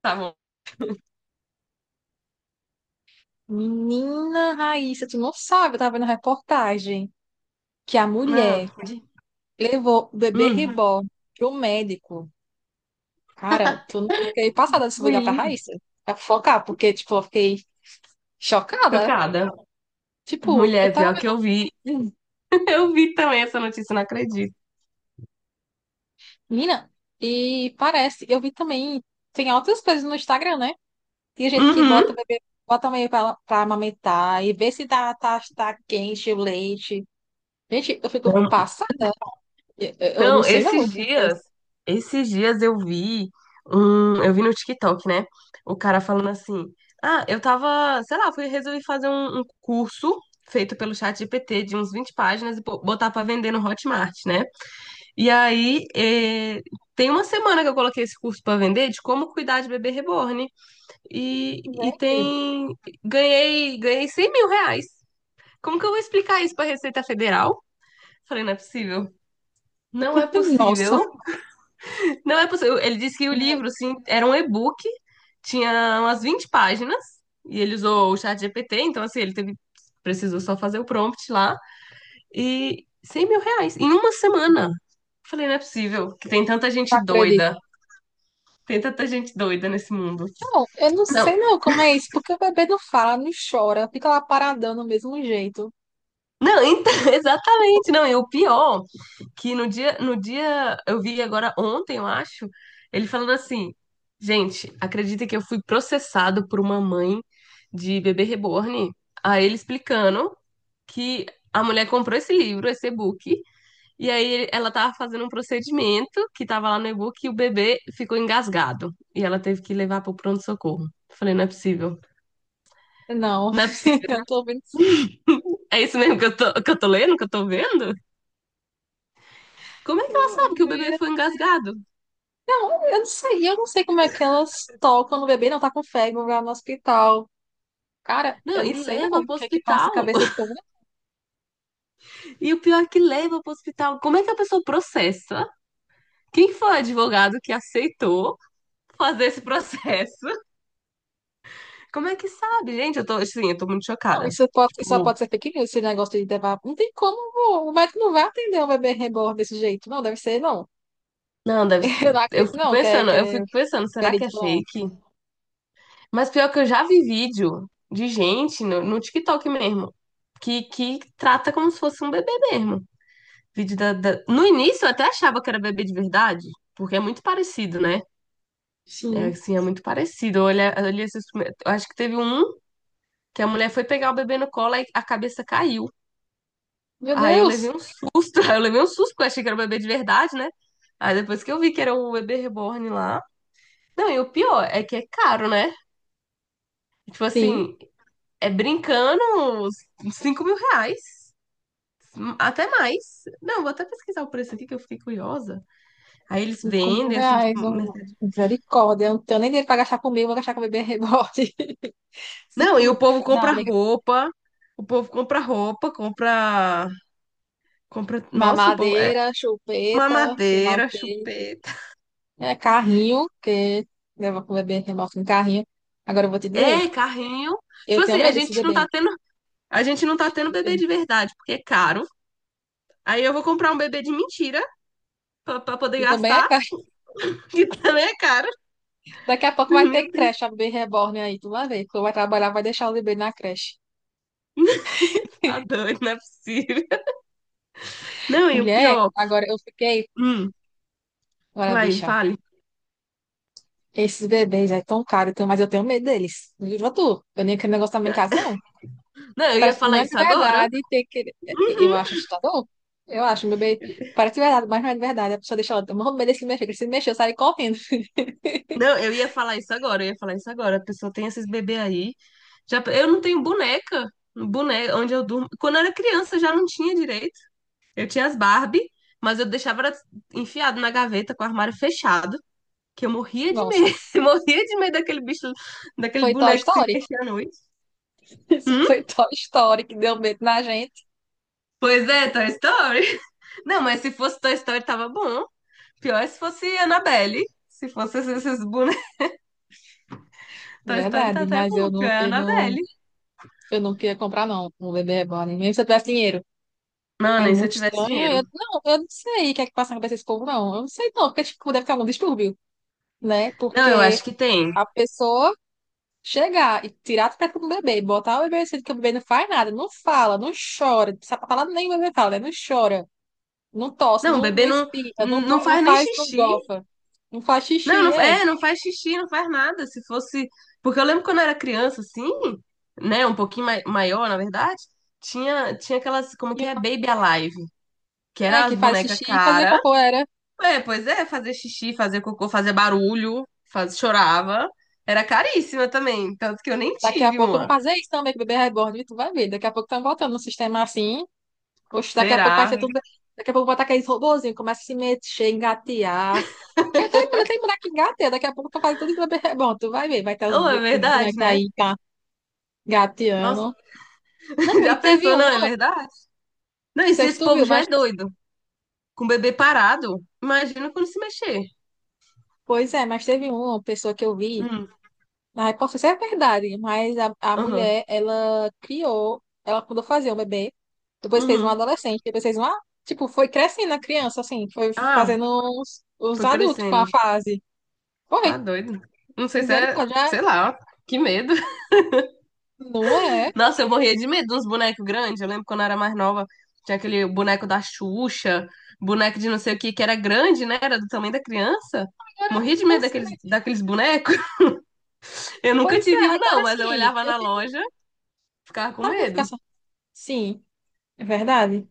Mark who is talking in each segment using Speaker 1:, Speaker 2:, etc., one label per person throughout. Speaker 1: Tá bom.
Speaker 2: Menina Raíssa, tu não sabe, eu tava vendo a reportagem que a
Speaker 1: Não,
Speaker 2: mulher
Speaker 1: de...
Speaker 2: levou o bebê
Speaker 1: hum,
Speaker 2: Reborn pro médico. Cara, tu, eu fiquei passada de se ligar pra
Speaker 1: mulher,
Speaker 2: Raíssa, pra focar, porque, tipo, eu fiquei chocada.
Speaker 1: chocada.
Speaker 2: Tipo, eu
Speaker 1: Mulher,
Speaker 2: tava
Speaker 1: pior que eu
Speaker 2: vendo,
Speaker 1: vi. Eu vi também essa notícia, não acredito.
Speaker 2: menina, e parece, eu vi também, tem outras coisas no Instagram, né? Tem gente que
Speaker 1: Uhum.
Speaker 2: bota o bebê, bota meio pra amamentar e vê se tá quente o leite. Gente, eu fico
Speaker 1: Não,
Speaker 2: passada, eu não
Speaker 1: não,
Speaker 2: sei não, mas,
Speaker 1: esses dias eu vi eu vi no TikTok, né? O cara falando assim: "Ah, eu tava, sei lá, fui resolvi fazer um curso feito pelo chat GPT de uns 20 páginas e botar pra vender no Hotmart, né? E aí, tem uma semana que eu coloquei esse curso pra vender de como cuidar de bebê reborn. E
Speaker 2: gente...
Speaker 1: tem. Ganhei R$ 100.000. Como que eu vou explicar isso pra Receita Federal? Falei, não é possível. Não é
Speaker 2: Nossa,
Speaker 1: possível. Não é possível. Ele disse que o
Speaker 2: não
Speaker 1: livro, sim, era um e-book, tinha umas 20 páginas, e ele usou o chat GPT, então assim, ele teve, precisou só fazer o prompt lá. E R$ 100.000 em uma semana. Falei, não é possível que tem tanta gente
Speaker 2: acredito.
Speaker 1: doida. Tem tanta gente doida nesse mundo.
Speaker 2: Não, eu não
Speaker 1: Não,
Speaker 2: sei não como é isso, porque o bebê não fala, não chora, fica lá paradão do mesmo jeito.
Speaker 1: não, então, exatamente, não, e o pior, que no dia, eu vi agora ontem, eu acho, ele falando assim, gente, acredita que eu fui processado por uma mãe de bebê reborn? Aí ele explicando que a mulher comprou esse livro, esse e-book, e aí ela tava fazendo um procedimento que tava lá no e-book e o bebê ficou engasgado, e ela teve que levar pro pronto-socorro. Falei, não é possível,
Speaker 2: Não,
Speaker 1: não é possível,
Speaker 2: eu tô vendo.
Speaker 1: é isso mesmo que eu tô, que eu tô vendo? Como é que ela
Speaker 2: Eu
Speaker 1: sabe que o bebê foi engasgado?
Speaker 2: eu não sei como é que elas tocam no bebê, não tá com febre, vai no hospital. Cara,
Speaker 1: Não,
Speaker 2: eu
Speaker 1: e
Speaker 2: não sei não,
Speaker 1: leva
Speaker 2: o
Speaker 1: pro
Speaker 2: que é que passa a
Speaker 1: hospital.
Speaker 2: cabeça desse povo?
Speaker 1: E o pior é que leva pro hospital. Como é que a pessoa processa? Quem foi o advogado que aceitou fazer esse processo? Como é que sabe, gente? Eu tô, assim, eu tô muito
Speaker 2: Não,
Speaker 1: chocada.
Speaker 2: isso pode, isso só
Speaker 1: Tipo,
Speaker 2: pode ser fake news, esse negócio de levar. Não tem como, o médico não vai atender um bebê reborn desse jeito, não, deve ser não.
Speaker 1: não, deve
Speaker 2: Eu não
Speaker 1: eu
Speaker 2: acredito
Speaker 1: fico
Speaker 2: não,
Speaker 1: pensando,
Speaker 2: que
Speaker 1: eu
Speaker 2: é
Speaker 1: fico pensando, será que é
Speaker 2: verídico não.
Speaker 1: fake? Mas pior que eu já vi vídeo de gente no TikTok mesmo, que trata como se fosse um bebê mesmo. Vídeo no início eu até achava que era bebê de verdade, porque é muito parecido, né? É
Speaker 2: Sim.
Speaker 1: assim, é muito parecido. Olha, olha esses primeiros, eu acho que teve um que a mulher foi pegar o bebê no colo e a cabeça caiu.
Speaker 2: Meu
Speaker 1: Aí eu levei
Speaker 2: Deus.
Speaker 1: um susto, aí eu levei um susto, porque eu achei que era o bebê de verdade, né? Aí depois que eu vi que era o bebê reborn lá. Não, e o pior é que é caro, né? Tipo
Speaker 2: Sim.
Speaker 1: assim, é brincando uns 5 mil reais. Até mais. Não, vou até pesquisar o preço aqui que eu fiquei curiosa. Aí eles
Speaker 2: cinco mil
Speaker 1: vendem, assim, tipo,
Speaker 2: reais, um, misericórdia. Eu não tenho nem dinheiro para gastar comigo, vou gastar com bebê rebote.
Speaker 1: não,
Speaker 2: Cinco
Speaker 1: e o
Speaker 2: mil.
Speaker 1: povo
Speaker 2: Não,
Speaker 1: compra
Speaker 2: amiga.
Speaker 1: roupa, o povo compra roupa, compra, compra, nossa, o povo, é
Speaker 2: Mamadeira, chupeta, sei lá o
Speaker 1: mamadeira,
Speaker 2: quê.
Speaker 1: chupeta,
Speaker 2: É, carrinho, que leva com o bebê rebote no carrinho. Agora eu vou te dizer,
Speaker 1: é carrinho. Tipo
Speaker 2: eu tenho
Speaker 1: assim, a
Speaker 2: medo desses
Speaker 1: gente não
Speaker 2: bebês,
Speaker 1: tá tendo, a gente não tá tendo
Speaker 2: eu
Speaker 1: bebê
Speaker 2: tenho.
Speaker 1: de verdade, porque é caro. Aí eu vou comprar um bebê de mentira pra poder
Speaker 2: E também é
Speaker 1: gastar,
Speaker 2: caro.
Speaker 1: que também é caro.
Speaker 2: Daqui a pouco vai ter
Speaker 1: Meu
Speaker 2: creche,
Speaker 1: Deus,
Speaker 2: a bebê reborn aí, tu vai ver. Tu vai trabalhar, vai deixar o bebê na creche.
Speaker 1: tá doido, não é possível. Não, e o
Speaker 2: Mulher,
Speaker 1: pior,
Speaker 2: agora eu fiquei.
Speaker 1: hum,
Speaker 2: Olha,
Speaker 1: vai,
Speaker 2: bicha,
Speaker 1: fale.
Speaker 2: esses bebês é tão caro, então, mas eu tenho medo deles. Viva tu. Eu nem aquele negócio também em casa, não.
Speaker 1: Não, eu ia
Speaker 2: Parece, não
Speaker 1: falar
Speaker 2: é de
Speaker 1: isso agora.
Speaker 2: verdade ter que. Eu acho assustador. Eu acho, meu bebê. Parece de verdade, mas não é de verdade. A pessoa deixa ela. Meu bebê se mexer, que se mexer, eu saio correndo.
Speaker 1: Não, eu ia falar isso agora, eu ia falar isso agora. A pessoa tem esses bebês aí. Já, eu não tenho boneca, boneca onde eu durmo. Quando eu era criança, eu já não tinha direito. Eu tinha as Barbie, mas eu deixava elas enfiado na gaveta com o armário fechado, que eu morria de
Speaker 2: Nossa,
Speaker 1: medo, eu morria de medo daquele bicho, daquele
Speaker 2: foi Toy
Speaker 1: boneco se
Speaker 2: Story.
Speaker 1: mexer à noite.
Speaker 2: Isso
Speaker 1: Hum?
Speaker 2: foi Toy Story que deu medo na gente.
Speaker 1: Pois é, Toy Story. Não, mas se fosse Toy Story, tava bom. Pior é se fosse Annabelle. Se fosse esses bonecos. Toy Story tá
Speaker 2: Verdade,
Speaker 1: até
Speaker 2: mas
Speaker 1: bom, pior é Annabelle.
Speaker 2: eu não queria comprar, não. Um bebê reborn. Mesmo se eu tivesse dinheiro. É
Speaker 1: Mano, e se eu
Speaker 2: muito
Speaker 1: tivesse
Speaker 2: estranho.
Speaker 1: dinheiro?
Speaker 2: Eu não sei o que é que passa na cabeça desse povo, não. Eu não sei, não, porque tipo, deve ter algum distúrbio, né?
Speaker 1: Não, eu acho
Speaker 2: Porque
Speaker 1: que tem.
Speaker 2: a pessoa. Chegar e tirar as pernas do bebê, botar o bebê assim, que o bebê não faz nada, não fala, não chora, não sabe falar nem o bebê fala, né? Não chora, não tosse,
Speaker 1: Não, o
Speaker 2: não, não
Speaker 1: bebê não,
Speaker 2: espirra,
Speaker 1: não
Speaker 2: não
Speaker 1: faz nem
Speaker 2: faz, não
Speaker 1: xixi.
Speaker 2: gofa, não faz
Speaker 1: Não,
Speaker 2: xixi,
Speaker 1: não,
Speaker 2: é.
Speaker 1: é, não faz xixi, não faz nada. Se fosse. Porque eu lembro quando eu era criança, assim, né? Um pouquinho maior, na verdade, tinha aquelas, como que é? Baby Alive, que
Speaker 2: É,
Speaker 1: eram as
Speaker 2: que faz
Speaker 1: bonecas
Speaker 2: xixi e fazia
Speaker 1: cara.
Speaker 2: cocô, era.
Speaker 1: É, pois é, fazer xixi, fazer cocô, fazer barulho, faz, chorava. Era caríssima também, tanto que eu nem
Speaker 2: Daqui a
Speaker 1: tive
Speaker 2: pouco não
Speaker 1: uma.
Speaker 2: fazer isso também, que o bebê é reborn, e tu vai ver. Daqui a pouco estão voltando no sistema assim. Oxe, daqui a pouco vai
Speaker 1: Será?
Speaker 2: ser tudo. Daqui a pouco botar aqueles robôzinhos, começa a se mexer, engatear. Que até mulher tem boneco que engateia, daqui a pouco tu faz tudo isso no bebê é reborn, tu vai ver. Vai ter
Speaker 1: Não, é
Speaker 2: os
Speaker 1: verdade,
Speaker 2: bonecos
Speaker 1: né?
Speaker 2: aí, tá?
Speaker 1: Nossa,
Speaker 2: Gatiano, não, e
Speaker 1: já
Speaker 2: teve
Speaker 1: pensou,
Speaker 2: um,
Speaker 1: não, é
Speaker 2: não
Speaker 1: verdade? Não, e se
Speaker 2: sei se
Speaker 1: esse
Speaker 2: tu viu,
Speaker 1: povo já
Speaker 2: mas,
Speaker 1: é doido? Com o bebê parado, imagina quando se mexer.
Speaker 2: pois é, mas teve uma pessoa que eu vi,
Speaker 1: Hum,
Speaker 2: na repórter, isso é verdade, mas a
Speaker 1: aham,
Speaker 2: mulher, ela criou, ela mandou fazer um bebê, depois fez um
Speaker 1: uhum.
Speaker 2: adolescente, depois fez uma, tipo, foi crescendo a criança, assim, foi
Speaker 1: Ah,
Speaker 2: fazendo os
Speaker 1: foi
Speaker 2: adultos com a
Speaker 1: crescendo.
Speaker 2: fase.
Speaker 1: Tá
Speaker 2: Foi,
Speaker 1: doido. Não sei se é,
Speaker 2: misericórdia,
Speaker 1: sei lá, que medo.
Speaker 2: não é?
Speaker 1: Nossa, eu morria de medo dos bonecos grandes. Eu lembro quando eu era mais nova, tinha aquele boneco da Xuxa, boneco de não sei o que, que era grande, né? Era do tamanho da criança.
Speaker 2: Agora,
Speaker 1: Morria de
Speaker 2: não
Speaker 1: medo
Speaker 2: sei,
Speaker 1: daqueles,
Speaker 2: mas,
Speaker 1: daqueles bonecos. Eu nunca
Speaker 2: pois
Speaker 1: tive
Speaker 2: é,
Speaker 1: um,
Speaker 2: agora
Speaker 1: não, mas eu
Speaker 2: sim,
Speaker 1: olhava
Speaker 2: eu
Speaker 1: na
Speaker 2: fico,
Speaker 1: loja, ficava com
Speaker 2: sabe, eu fico
Speaker 1: medo.
Speaker 2: assim, sim, é verdade.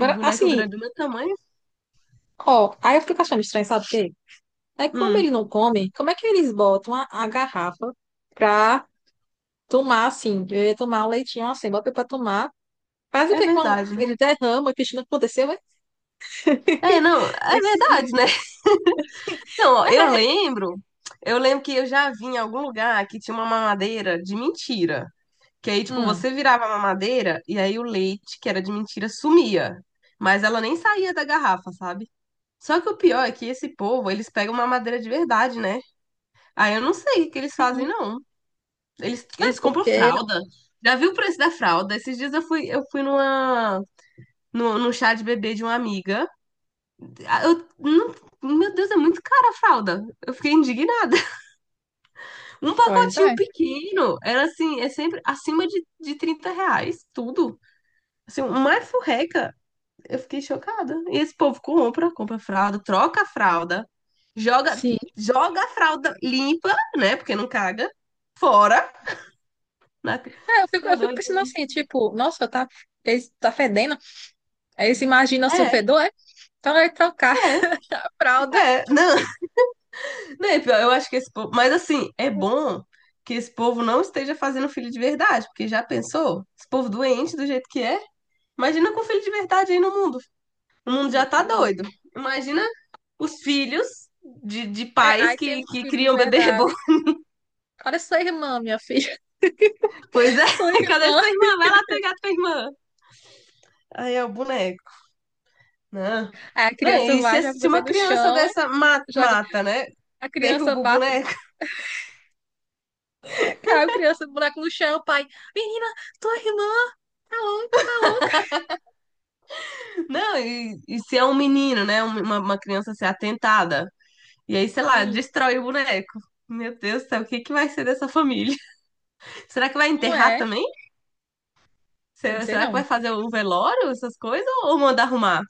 Speaker 1: Aquele boneco
Speaker 2: assim,
Speaker 1: grande do meu tamanho.
Speaker 2: ó, aí eu fico achando estranho, sabe o quê? Aí, como
Speaker 1: Hum,
Speaker 2: ele não come, como é que eles botam a garrafa pra tomar assim? Eu ia tomar um leitinho assim, bota pra tomar. Faz o
Speaker 1: é
Speaker 2: que quando
Speaker 1: verdade, né?
Speaker 2: ele derrama, o que não aconteceu? É?
Speaker 1: É, não, é
Speaker 2: Esse...
Speaker 1: verdade, né? Não, ó, eu lembro que eu já vi em algum lugar que tinha uma mamadeira de mentira. Que aí, tipo,
Speaker 2: Hum,
Speaker 1: você virava a mamadeira e aí o leite, que era de mentira, sumia. Mas ela nem saía da garrafa, sabe? Só que o pior é que esse povo, eles pegam mamadeira de verdade, né? Aí eu não sei o que eles
Speaker 2: sim.
Speaker 1: fazem, não. Eles,
Speaker 2: É
Speaker 1: eles compram
Speaker 2: porque.
Speaker 1: fralda. Já viu o preço da fralda? Esses dias eu fui numa, no num chá de bebê de uma amiga. Ah, eu, meu Deus, é muito cara a fralda. Eu fiquei indignada. Um
Speaker 2: Pois
Speaker 1: pacotinho
Speaker 2: é.
Speaker 1: pequeno era assim, é sempre acima de R$ 30, tudo. Assim, uma furreca, eu fiquei chocada. E esse povo compra, compra fralda, troca a fralda, joga,
Speaker 2: Sim.
Speaker 1: joga a fralda limpa, né? Porque não caga, fora. Na.
Speaker 2: É,
Speaker 1: Tá
Speaker 2: eu fico pensando
Speaker 1: doido?
Speaker 2: assim, tipo, nossa, tá, tá fedendo. Aí eles imaginam assim, o
Speaker 1: É,
Speaker 2: fedor, é? Então vai trocar
Speaker 1: é,
Speaker 2: a fralda.
Speaker 1: é. Não, né, pior, eu acho que esse povo. Mas assim, é bom que esse povo não esteja fazendo filho de verdade, porque já pensou? Esse povo doente do jeito que é. Imagina com filho de verdade aí no mundo. O mundo já tá doido. Imagina os filhos de
Speaker 2: É,
Speaker 1: pais
Speaker 2: aí tem
Speaker 1: que,
Speaker 2: um
Speaker 1: que
Speaker 2: filho de
Speaker 1: criam bebê reborn.
Speaker 2: verdade. Olha sua irmã, minha filha.
Speaker 1: Pois é,
Speaker 2: Sua
Speaker 1: cadê
Speaker 2: irmã.
Speaker 1: sua irmã? Vai lá pegar tua irmã. Aí é o boneco. Não.
Speaker 2: Aí a
Speaker 1: Não,
Speaker 2: criança
Speaker 1: e
Speaker 2: vai,
Speaker 1: se,
Speaker 2: joga o
Speaker 1: se
Speaker 2: bebê
Speaker 1: uma
Speaker 2: no
Speaker 1: criança
Speaker 2: chão.
Speaker 1: dessa
Speaker 2: Joga
Speaker 1: mata, né?
Speaker 2: a criança,
Speaker 1: Derruba o
Speaker 2: bate,
Speaker 1: boneco.
Speaker 2: cai a criança, buraco no chão, o pai, menina, tua irmã, tá louca, tá louca.
Speaker 1: Não, e se é um menino, né? Um, uma criança ser atentada. E aí, sei lá,
Speaker 2: Sim,
Speaker 1: destrói o boneco. Meu Deus do céu, o que que vai ser dessa família? Será que vai
Speaker 2: não
Speaker 1: enterrar
Speaker 2: é,
Speaker 1: também?
Speaker 2: eu não
Speaker 1: Será,
Speaker 2: sei
Speaker 1: será que vai
Speaker 2: não.
Speaker 1: fazer o velório, essas coisas? Ou manda arrumar?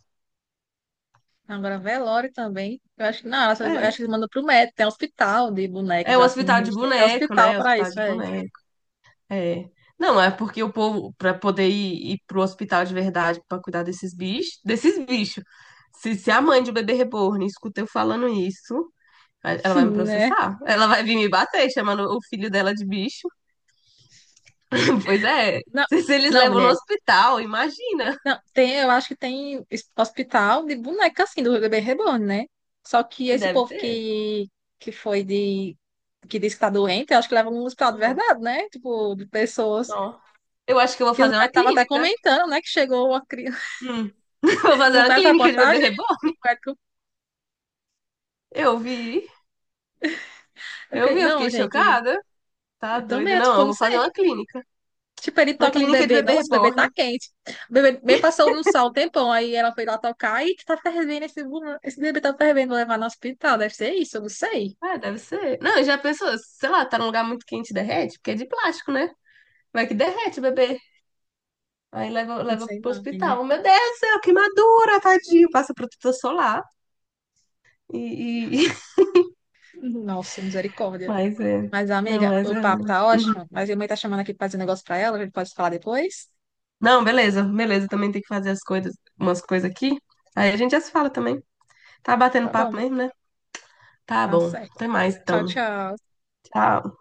Speaker 2: Agora, velório também, eu acho que não, eu
Speaker 1: É.
Speaker 2: acho que manda pro médico, tem hospital de
Speaker 1: É
Speaker 2: bonecos,
Speaker 1: o
Speaker 2: assim, a
Speaker 1: hospital de
Speaker 2: gente tem até
Speaker 1: boneco,
Speaker 2: hospital
Speaker 1: né?
Speaker 2: pra
Speaker 1: Hospital
Speaker 2: isso,
Speaker 1: de
Speaker 2: é.
Speaker 1: boneco. É. Não, é porque o povo, para poder ir, ir pro hospital de verdade para cuidar desses bichos, desses bichos. Se a mãe de um bebê reborn escuta eu falando isso, ela vai me
Speaker 2: Né?
Speaker 1: processar. Ela vai vir me bater, chamando o filho dela de bicho. Pois é.
Speaker 2: Não,
Speaker 1: Se eles
Speaker 2: não,
Speaker 1: levam no
Speaker 2: mulher,
Speaker 1: hospital, imagina.
Speaker 2: não, tem, eu acho que tem hospital de boneca, assim, do bebê reborn, né? Só que esse
Speaker 1: Deve
Speaker 2: povo
Speaker 1: ter.
Speaker 2: que foi de, que diz que tá doente, eu acho que leva um hospital de
Speaker 1: Uhum.
Speaker 2: verdade, né? Tipo, de pessoas.
Speaker 1: Não. Eu acho que eu vou
Speaker 2: Que o
Speaker 1: fazer
Speaker 2: Zé
Speaker 1: uma
Speaker 2: tava até
Speaker 1: clínica.
Speaker 2: comentando, né? Que chegou a criança.
Speaker 1: Hum. Vou fazer
Speaker 2: Não
Speaker 1: uma
Speaker 2: fez a
Speaker 1: clínica de bebê
Speaker 2: reportagem. Né,
Speaker 1: reborn. Eu vi.
Speaker 2: eu
Speaker 1: Eu vi,
Speaker 2: fiquei,
Speaker 1: eu
Speaker 2: não,
Speaker 1: fiquei
Speaker 2: gente.
Speaker 1: chocada. Tá
Speaker 2: Eu
Speaker 1: doido?
Speaker 2: também,
Speaker 1: Não,
Speaker 2: tipo,
Speaker 1: eu
Speaker 2: eu não
Speaker 1: vou fazer uma
Speaker 2: sei.
Speaker 1: clínica.
Speaker 2: Tipo, ele
Speaker 1: Uma
Speaker 2: toca no
Speaker 1: clínica de
Speaker 2: bebê.
Speaker 1: bebê
Speaker 2: Nossa, o bebê
Speaker 1: reborn.
Speaker 2: tá quente. O bebê bem passou no sol um tempão. Aí ela foi lá tocar e tá fervendo esse, esse bebê tá fervendo. Vou levar no hospital. Deve ser isso, eu não sei.
Speaker 1: Ah, deve ser. Não, já pensou, sei lá, tá num lugar muito quente e derrete? Porque é de plástico, né? Vai que derrete o bebê. Aí leva,
Speaker 2: Não
Speaker 1: leva
Speaker 2: sei
Speaker 1: pro
Speaker 2: não, amiga.
Speaker 1: hospital. Meu Deus do céu, queimadura, tadinho. Passa protetor solar. E...
Speaker 2: Nossa, misericórdia.
Speaker 1: mas é.
Speaker 2: Mas,
Speaker 1: Não,
Speaker 2: amiga,
Speaker 1: mas
Speaker 2: o
Speaker 1: é,
Speaker 2: papo
Speaker 1: né?
Speaker 2: tá
Speaker 1: Uhum.
Speaker 2: ótimo. Mas minha mãe tá chamando aqui pra fazer um negócio pra ela. A gente pode falar depois?
Speaker 1: Não, beleza, beleza. Também tem que fazer as coisas, umas coisas aqui. Aí a gente já se fala também. Tá batendo
Speaker 2: Tá
Speaker 1: papo
Speaker 2: bom,
Speaker 1: mesmo, né? Tá
Speaker 2: tá
Speaker 1: bom.
Speaker 2: certo.
Speaker 1: Até mais,
Speaker 2: Tchau,
Speaker 1: então.
Speaker 2: tchau.
Speaker 1: Tchau.